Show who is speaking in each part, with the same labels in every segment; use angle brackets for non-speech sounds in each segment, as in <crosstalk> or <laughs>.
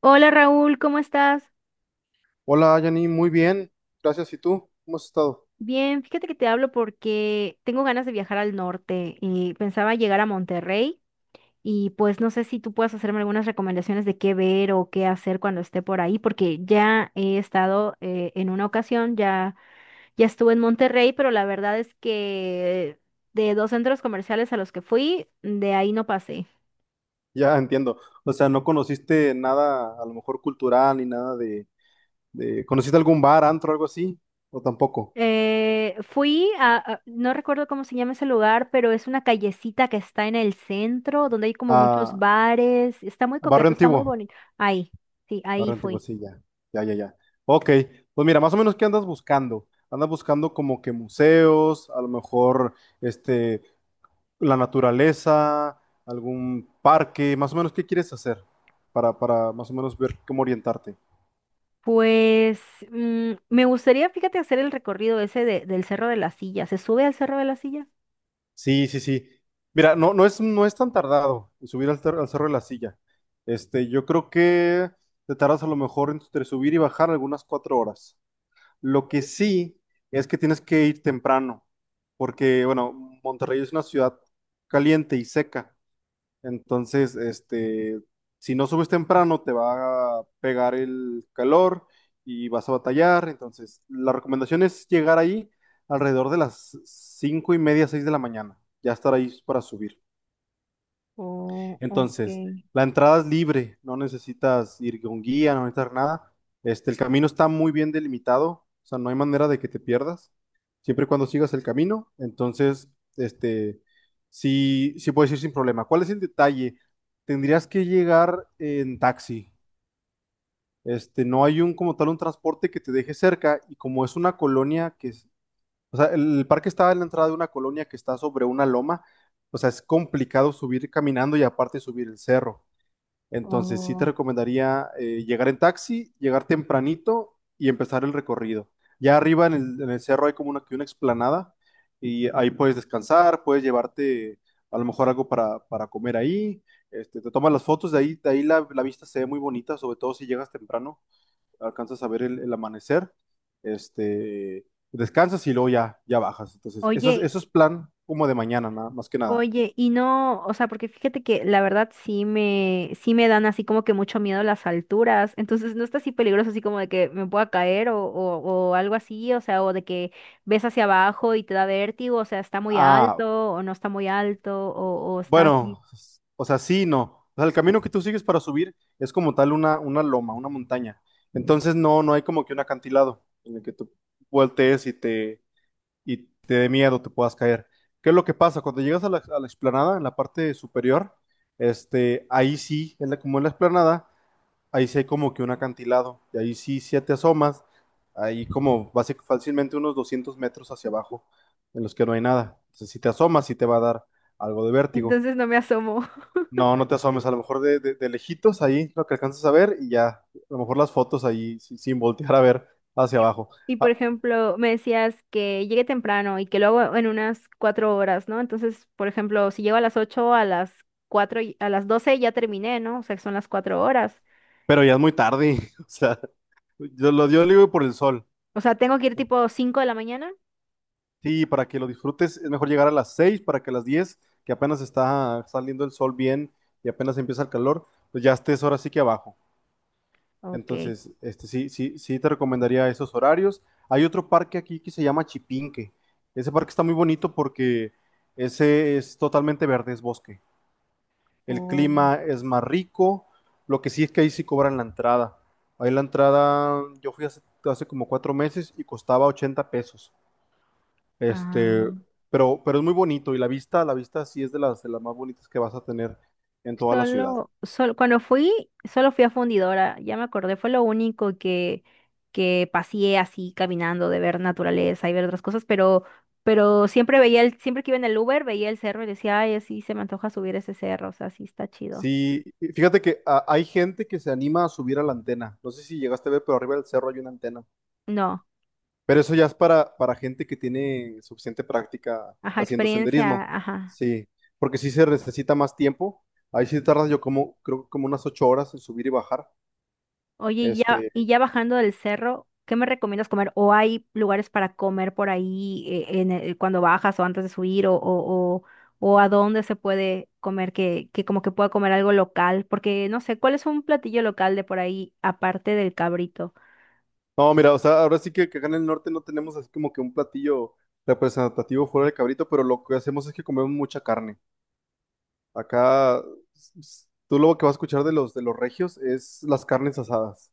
Speaker 1: Hola Raúl, ¿cómo estás?
Speaker 2: Hola, Yanni, muy bien. Gracias. ¿Y tú? ¿Cómo has estado?
Speaker 1: Bien, fíjate que te hablo porque tengo ganas de viajar al norte y pensaba llegar a Monterrey y pues no sé si tú puedes hacerme algunas recomendaciones de qué ver o qué hacer cuando esté por ahí, porque ya he estado en una ocasión, ya, ya estuve en Monterrey, pero la verdad es que de dos centros comerciales a los que fui, de ahí no pasé.
Speaker 2: Ya entiendo. O sea, no conociste nada, a lo mejor cultural ni nada ¿Conociste algún bar, antro, algo así? ¿O tampoco?
Speaker 1: Fui no recuerdo cómo se llama ese lugar, pero es una callecita que está en el centro, donde hay como muchos
Speaker 2: Ah,
Speaker 1: bares. Está muy
Speaker 2: barrio
Speaker 1: coqueto, está muy
Speaker 2: antiguo.
Speaker 1: bonito. Ahí, sí, ahí
Speaker 2: Barrio antiguo,
Speaker 1: fui.
Speaker 2: sí, ya. Ya, ya, ya. Ok. Pues mira, más o menos, ¿qué andas buscando? Andas buscando como que museos, a lo mejor, este, la naturaleza, algún parque, más o menos, ¿qué quieres hacer? Para más o menos ver cómo orientarte.
Speaker 1: Pues me gustaría, fíjate, hacer el recorrido ese del Cerro de la Silla. ¿Se sube al Cerro de la Silla?
Speaker 2: Sí, sí, sí. Mira, no, no es tan tardado en subir al, al Cerro de la Silla. Yo creo que te tardas a lo mejor entre subir y bajar algunas 4 horas. Lo que sí es que tienes que ir temprano, porque, bueno, Monterrey es una ciudad caliente y seca. Entonces, si no subes temprano, te va a pegar el calor y vas a batallar. Entonces, la recomendación es llegar ahí alrededor de las 5:30, 6 de la mañana. Ya estar ahí para subir.
Speaker 1: Oh,
Speaker 2: Entonces,
Speaker 1: ok.
Speaker 2: la entrada es libre, no necesitas ir con guía, no necesitas nada. El camino está muy bien delimitado, o sea, no hay manera de que te pierdas, siempre y cuando sigas el camino. Entonces, este, sí, sí puedes ir sin problema. ¿Cuál es el detalle? Tendrías que llegar en taxi. No hay un como tal un transporte que te deje cerca y como es una colonia que, o sea, el parque está en la entrada de una colonia que está sobre una loma, o sea, es complicado subir caminando y aparte subir el cerro. Entonces sí te
Speaker 1: Oh.
Speaker 2: recomendaría llegar en taxi, llegar tempranito y empezar el recorrido. Ya arriba en el cerro hay como una, que una explanada y ahí puedes descansar, puedes llevarte a lo mejor algo para comer ahí. Te tomas las fotos, de ahí la vista se ve muy bonita, sobre todo si llegas temprano, alcanzas a ver el, amanecer, este, descansas y luego ya, ya bajas. Entonces,
Speaker 1: Oye,
Speaker 2: eso es plan como de mañana, nada, más que nada.
Speaker 1: Oye, y no, o sea, porque fíjate que la verdad sí me dan así como que mucho miedo las alturas, entonces no está así peligroso así como de que me pueda caer o algo así, o sea, o de que ves hacia abajo y te da vértigo, o sea, está muy
Speaker 2: Ah,
Speaker 1: alto o no está muy alto o está así.
Speaker 2: Bueno, o sea, sí, y no. O sea, el camino que tú sigues para subir es como tal una loma, una montaña. Entonces no, no hay como que un acantilado en el que tú voltees y y te dé miedo, te puedas caer. ¿Qué es lo que pasa? Cuando llegas a la, explanada, en la parte superior, ahí sí, como en la explanada, ahí sí hay como que un acantilado. Y ahí sí, sí te asomas, ahí como fácilmente unos 200 metros hacia abajo, en los que no hay nada. Entonces, si te asomas, sí te va a dar algo de vértigo.
Speaker 1: Entonces no me asomo. <laughs>
Speaker 2: No, no te asomes, a lo mejor de lejitos ahí lo que alcanzas a ver y ya, a lo mejor las fotos ahí sin voltear a ver hacia
Speaker 1: Y,
Speaker 2: abajo.
Speaker 1: y, por
Speaker 2: Ah,
Speaker 1: ejemplo, me decías que llegue temprano y que lo hago en unas 4 horas, ¿no? Entonces, por ejemplo, si llego a las 8, a las 4, a las 12 ya terminé, ¿no? O sea, que son las 4 horas.
Speaker 2: pero ya es muy tarde, <laughs> o sea, yo digo por el sol.
Speaker 1: O sea, tengo que ir tipo 5 de la mañana.
Speaker 2: Sí, para que lo disfrutes es mejor llegar a las 6 para que a las 10 que apenas está saliendo el sol bien y apenas empieza el calor, pues ya estés ahora sí que abajo.
Speaker 1: Ok.
Speaker 2: Entonces, sí, sí, sí te recomendaría esos horarios. Hay otro parque aquí que se llama Chipinque. Ese parque está muy bonito porque ese es totalmente verde, es bosque. El
Speaker 1: Oh,
Speaker 2: clima es más rico. Lo que sí es que ahí sí cobran la entrada. Ahí la entrada, yo fui hace como 4 meses y costaba $80. Este,
Speaker 1: ah,
Speaker 2: pero es muy bonito y la vista sí es de de las más bonitas que vas a tener en toda la ciudad.
Speaker 1: cuando fui, solo fui a Fundidora, ya me acordé, fue lo único que paseé así caminando, de ver naturaleza y ver otras cosas, pero siempre que iba en el Uber, veía el cerro y decía, ay, así se me antoja subir ese cerro, o sea, sí está chido.
Speaker 2: Sí, y fíjate que hay gente que se anima a subir a la antena. No sé si llegaste a ver, pero arriba del cerro hay una antena.
Speaker 1: No,
Speaker 2: Pero eso ya es para gente que tiene suficiente práctica
Speaker 1: ajá,
Speaker 2: haciendo
Speaker 1: experiencia,
Speaker 2: senderismo.
Speaker 1: ajá.
Speaker 2: Sí, porque sí se necesita más tiempo. Ahí sí tardas yo como, creo que como unas 8 horas en subir y bajar.
Speaker 1: Oye, y ya,
Speaker 2: Este,
Speaker 1: y ya bajando del cerro, ¿qué me recomiendas comer? ¿O hay lugares para comer por ahí en cuando bajas o antes de subir? O, o a dónde se puede comer que como que pueda comer algo local? Porque no sé, ¿cuál es un platillo local de por ahí aparte del cabrito?
Speaker 2: no, mira, o sea, ahora sí que, acá en el norte no tenemos así como que un platillo representativo fuera del cabrito, pero lo que hacemos es que comemos mucha carne. Acá, tú lo que vas a escuchar de de los regios es las carnes asadas.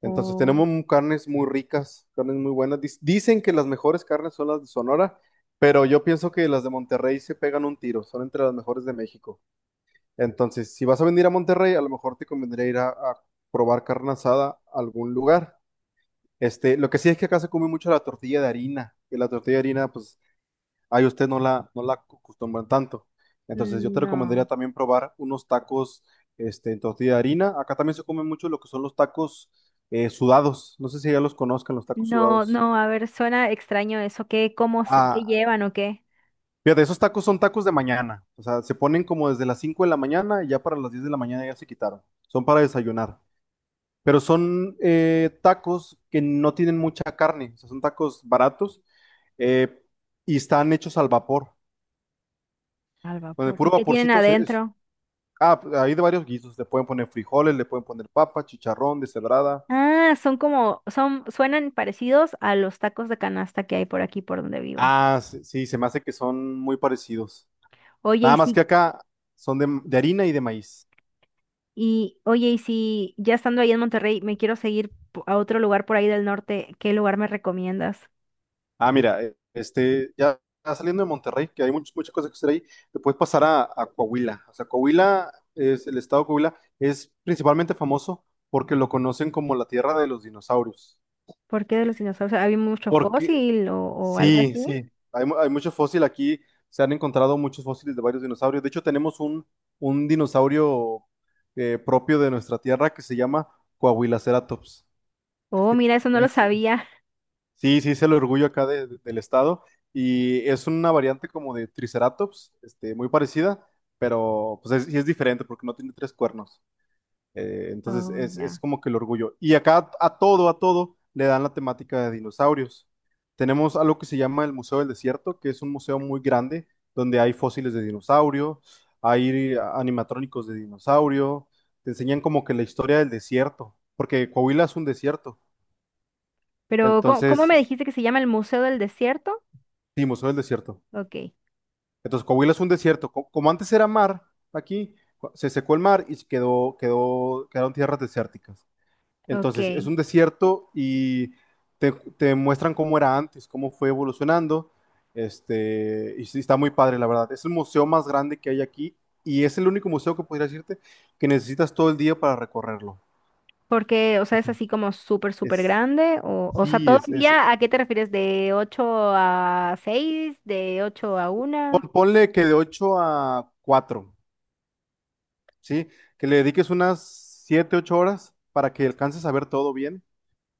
Speaker 2: Entonces
Speaker 1: Oh,
Speaker 2: tenemos carnes muy ricas, carnes muy buenas. Dicen que las mejores carnes son las de Sonora, pero yo pienso que las de Monterrey se pegan un tiro, son entre las mejores de México. Entonces, si vas a venir a Monterrey, a lo mejor te convendría ir a probar carne asada a algún lugar. Lo que sí es que acá se come mucho la tortilla de harina, que la tortilla de harina, pues ay, usted no la acostumbran tanto. Entonces, yo te recomendaría
Speaker 1: no.
Speaker 2: también probar unos tacos en tortilla de harina. Acá también se come mucho lo que son los tacos sudados. No sé si ya los conozcan, los tacos
Speaker 1: No,
Speaker 2: sudados.
Speaker 1: no, a ver, suena extraño eso. ¿Qué, cómo, qué
Speaker 2: Ah,
Speaker 1: llevan o qué?
Speaker 2: fíjate, esos tacos son tacos de mañana. O sea, se ponen como desde las 5 de la mañana y ya para las 10 de la mañana ya se quitaron. Son para desayunar. Pero son tacos que no tienen mucha carne. O sea, son tacos baratos eh, y están hechos al vapor.
Speaker 1: Al
Speaker 2: Con el
Speaker 1: vapor.
Speaker 2: puro
Speaker 1: ¿Y qué tienen
Speaker 2: vaporcito,
Speaker 1: adentro?
Speaker 2: ah, pues, hay de varios guisos. Le pueden poner frijoles, le pueden poner papa, chicharrón, deshebrada.
Speaker 1: Ah, son como, son, suenan parecidos a los tacos de canasta que hay por aquí por donde vivo.
Speaker 2: Ah, sí, sí, se me hace que son muy parecidos.
Speaker 1: Oye, y
Speaker 2: Nada más que
Speaker 1: si,
Speaker 2: acá son de harina y de maíz.
Speaker 1: oye, y si ya estando ahí en Monterrey, me quiero seguir a otro lugar por ahí del norte, ¿qué lugar me recomiendas?
Speaker 2: Ah, mira, ya saliendo de Monterrey, que hay muchas cosas que hacer ahí, te puedes pasar a Coahuila. O sea, el estado de Coahuila es principalmente famoso porque lo conocen como la tierra de los dinosaurios.
Speaker 1: ¿Por qué de los dinosaurios? ¿Había mucho
Speaker 2: Porque
Speaker 1: fósil o algo
Speaker 2: sí,
Speaker 1: así?
Speaker 2: sí, hay mucho fósil aquí, se han encontrado muchos fósiles de varios dinosaurios. De hecho, tenemos un dinosaurio propio de nuestra tierra que se llama Coahuilaceratops.
Speaker 1: Oh, mira, eso no lo
Speaker 2: Es,
Speaker 1: sabía. <laughs>
Speaker 2: sí, sí, es el orgullo acá del estado y es una variante como de Triceratops, muy parecida, pero sí es diferente porque no tiene tres cuernos. Entonces
Speaker 1: Oh,
Speaker 2: es
Speaker 1: ya.
Speaker 2: como que el orgullo. Y acá a todo le dan la temática de dinosaurios. Tenemos algo que se llama el Museo del Desierto, que es un museo muy grande donde hay fósiles de dinosaurio, hay animatrónicos de dinosaurio, te enseñan como que la historia del desierto, porque Coahuila es un desierto.
Speaker 1: Pero, ¿cómo, cómo
Speaker 2: Entonces,
Speaker 1: me dijiste que se llama el Museo del Desierto?
Speaker 2: sí, Museo del Desierto.
Speaker 1: Ok,
Speaker 2: Entonces, Coahuila es un desierto. Como antes era mar, aquí se secó el mar y quedaron tierras desérticas. Entonces, es
Speaker 1: ok.
Speaker 2: un desierto y te, te muestran cómo era antes, cómo fue evolucionando. Y sí, está muy padre, la verdad. Es el museo más grande que hay aquí y es el único museo que podría decirte que necesitas todo el día para recorrerlo.
Speaker 1: Porque, o
Speaker 2: O
Speaker 1: sea, es
Speaker 2: sea,
Speaker 1: así como súper, súper
Speaker 2: Es,
Speaker 1: grande. O sea,
Speaker 2: sí,
Speaker 1: todo el día, ¿a qué te refieres? ¿De 8 a 6, ¿De 8 a 1?
Speaker 2: ponle que de 8 a 4, ¿sí? Que le dediques unas 7 u 8 horas para que alcances a ver todo bien.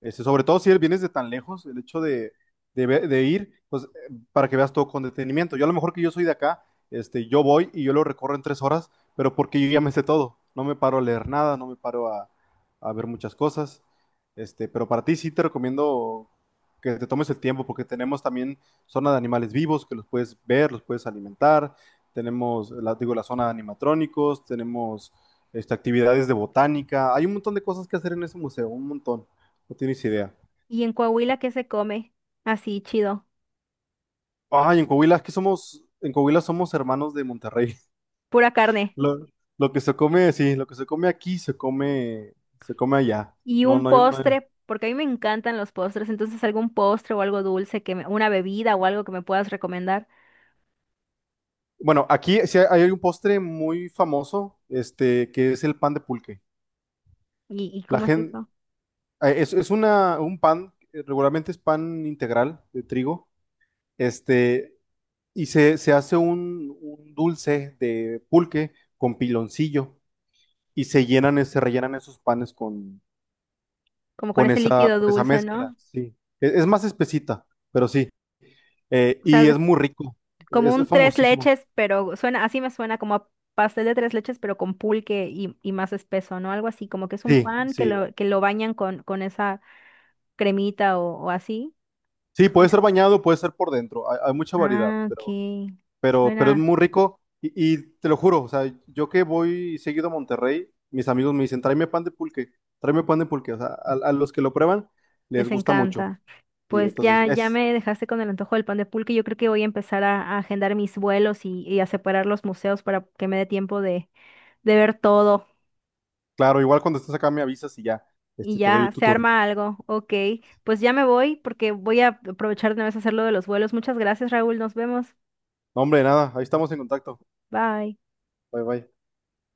Speaker 2: Sobre todo si vienes de tan lejos, el hecho de ir, pues para que veas todo con detenimiento. Yo a lo mejor que yo soy de acá, yo voy y yo lo recorro en 3 horas, pero porque yo ya me sé todo. No me paro a leer nada, no me paro a ver muchas cosas. Pero para ti sí te recomiendo que te tomes el tiempo, porque tenemos también zona de animales vivos que los puedes ver, los puedes alimentar. Tenemos, la, digo, la zona de animatrónicos, tenemos actividades de botánica. Hay un montón de cosas que hacer en ese museo, un montón. No tienes idea.
Speaker 1: ¿Y en Coahuila qué se come? Así, chido.
Speaker 2: Ay, en Coahuila, es que somos, en Coahuila somos hermanos de Monterrey. <laughs>
Speaker 1: Pura carne.
Speaker 2: Lo, lo que se come, sí, lo que se come aquí se come allá.
Speaker 1: Y
Speaker 2: No,
Speaker 1: un
Speaker 2: no, no.
Speaker 1: postre, porque a mí me encantan los postres. Entonces, algún postre o algo dulce, una bebida o algo que me puedas recomendar.
Speaker 2: Bueno, aquí sí hay un postre muy famoso, que es el pan de pulque.
Speaker 1: Y
Speaker 2: La
Speaker 1: cómo es
Speaker 2: gente,
Speaker 1: eso?
Speaker 2: es una, un pan, regularmente es pan integral de trigo, este, y se hace un dulce de pulque con piloncillo y se rellenan esos panes
Speaker 1: Como con
Speaker 2: con
Speaker 1: ese líquido
Speaker 2: con esa
Speaker 1: dulce,
Speaker 2: mezcla,
Speaker 1: ¿no?
Speaker 2: sí. Es más espesita, pero sí.
Speaker 1: O sea,
Speaker 2: Y es muy rico,
Speaker 1: como
Speaker 2: es
Speaker 1: un tres
Speaker 2: famosísimo.
Speaker 1: leches, pero suena, así me suena como a pastel de tres leches, pero con pulque y más espeso, ¿no? Algo así, como que es un
Speaker 2: Sí,
Speaker 1: pan que
Speaker 2: sí.
Speaker 1: lo, que lo bañan con esa cremita o así.
Speaker 2: Sí, puede
Speaker 1: Suena.
Speaker 2: ser bañado, puede ser por dentro, hay mucha variedad,
Speaker 1: Ah, ok.
Speaker 2: pero es
Speaker 1: Suena,
Speaker 2: muy rico y te lo juro, o sea, yo que voy seguido a Monterrey, mis amigos me dicen, tráeme pan de pulque, tráeme pan de pulque, o sea, a los que lo prueban les
Speaker 1: les
Speaker 2: gusta mucho.
Speaker 1: encanta.
Speaker 2: Y
Speaker 1: Pues
Speaker 2: entonces
Speaker 1: ya, ya
Speaker 2: es,
Speaker 1: me dejaste con el antojo del pan de pulque. Yo creo que voy a empezar a agendar mis vuelos y a separar los museos para que me dé tiempo de ver todo.
Speaker 2: claro, igual cuando estés acá me avisas y ya,
Speaker 1: Y
Speaker 2: te doy
Speaker 1: ya,
Speaker 2: tu
Speaker 1: se
Speaker 2: tour.
Speaker 1: arma algo. Ok, pues ya me voy porque voy a aprovechar de una vez a hacer lo de los vuelos. Muchas gracias, Raúl. Nos vemos.
Speaker 2: No, hombre, nada, ahí estamos en contacto.
Speaker 1: Bye.
Speaker 2: Bye, bye.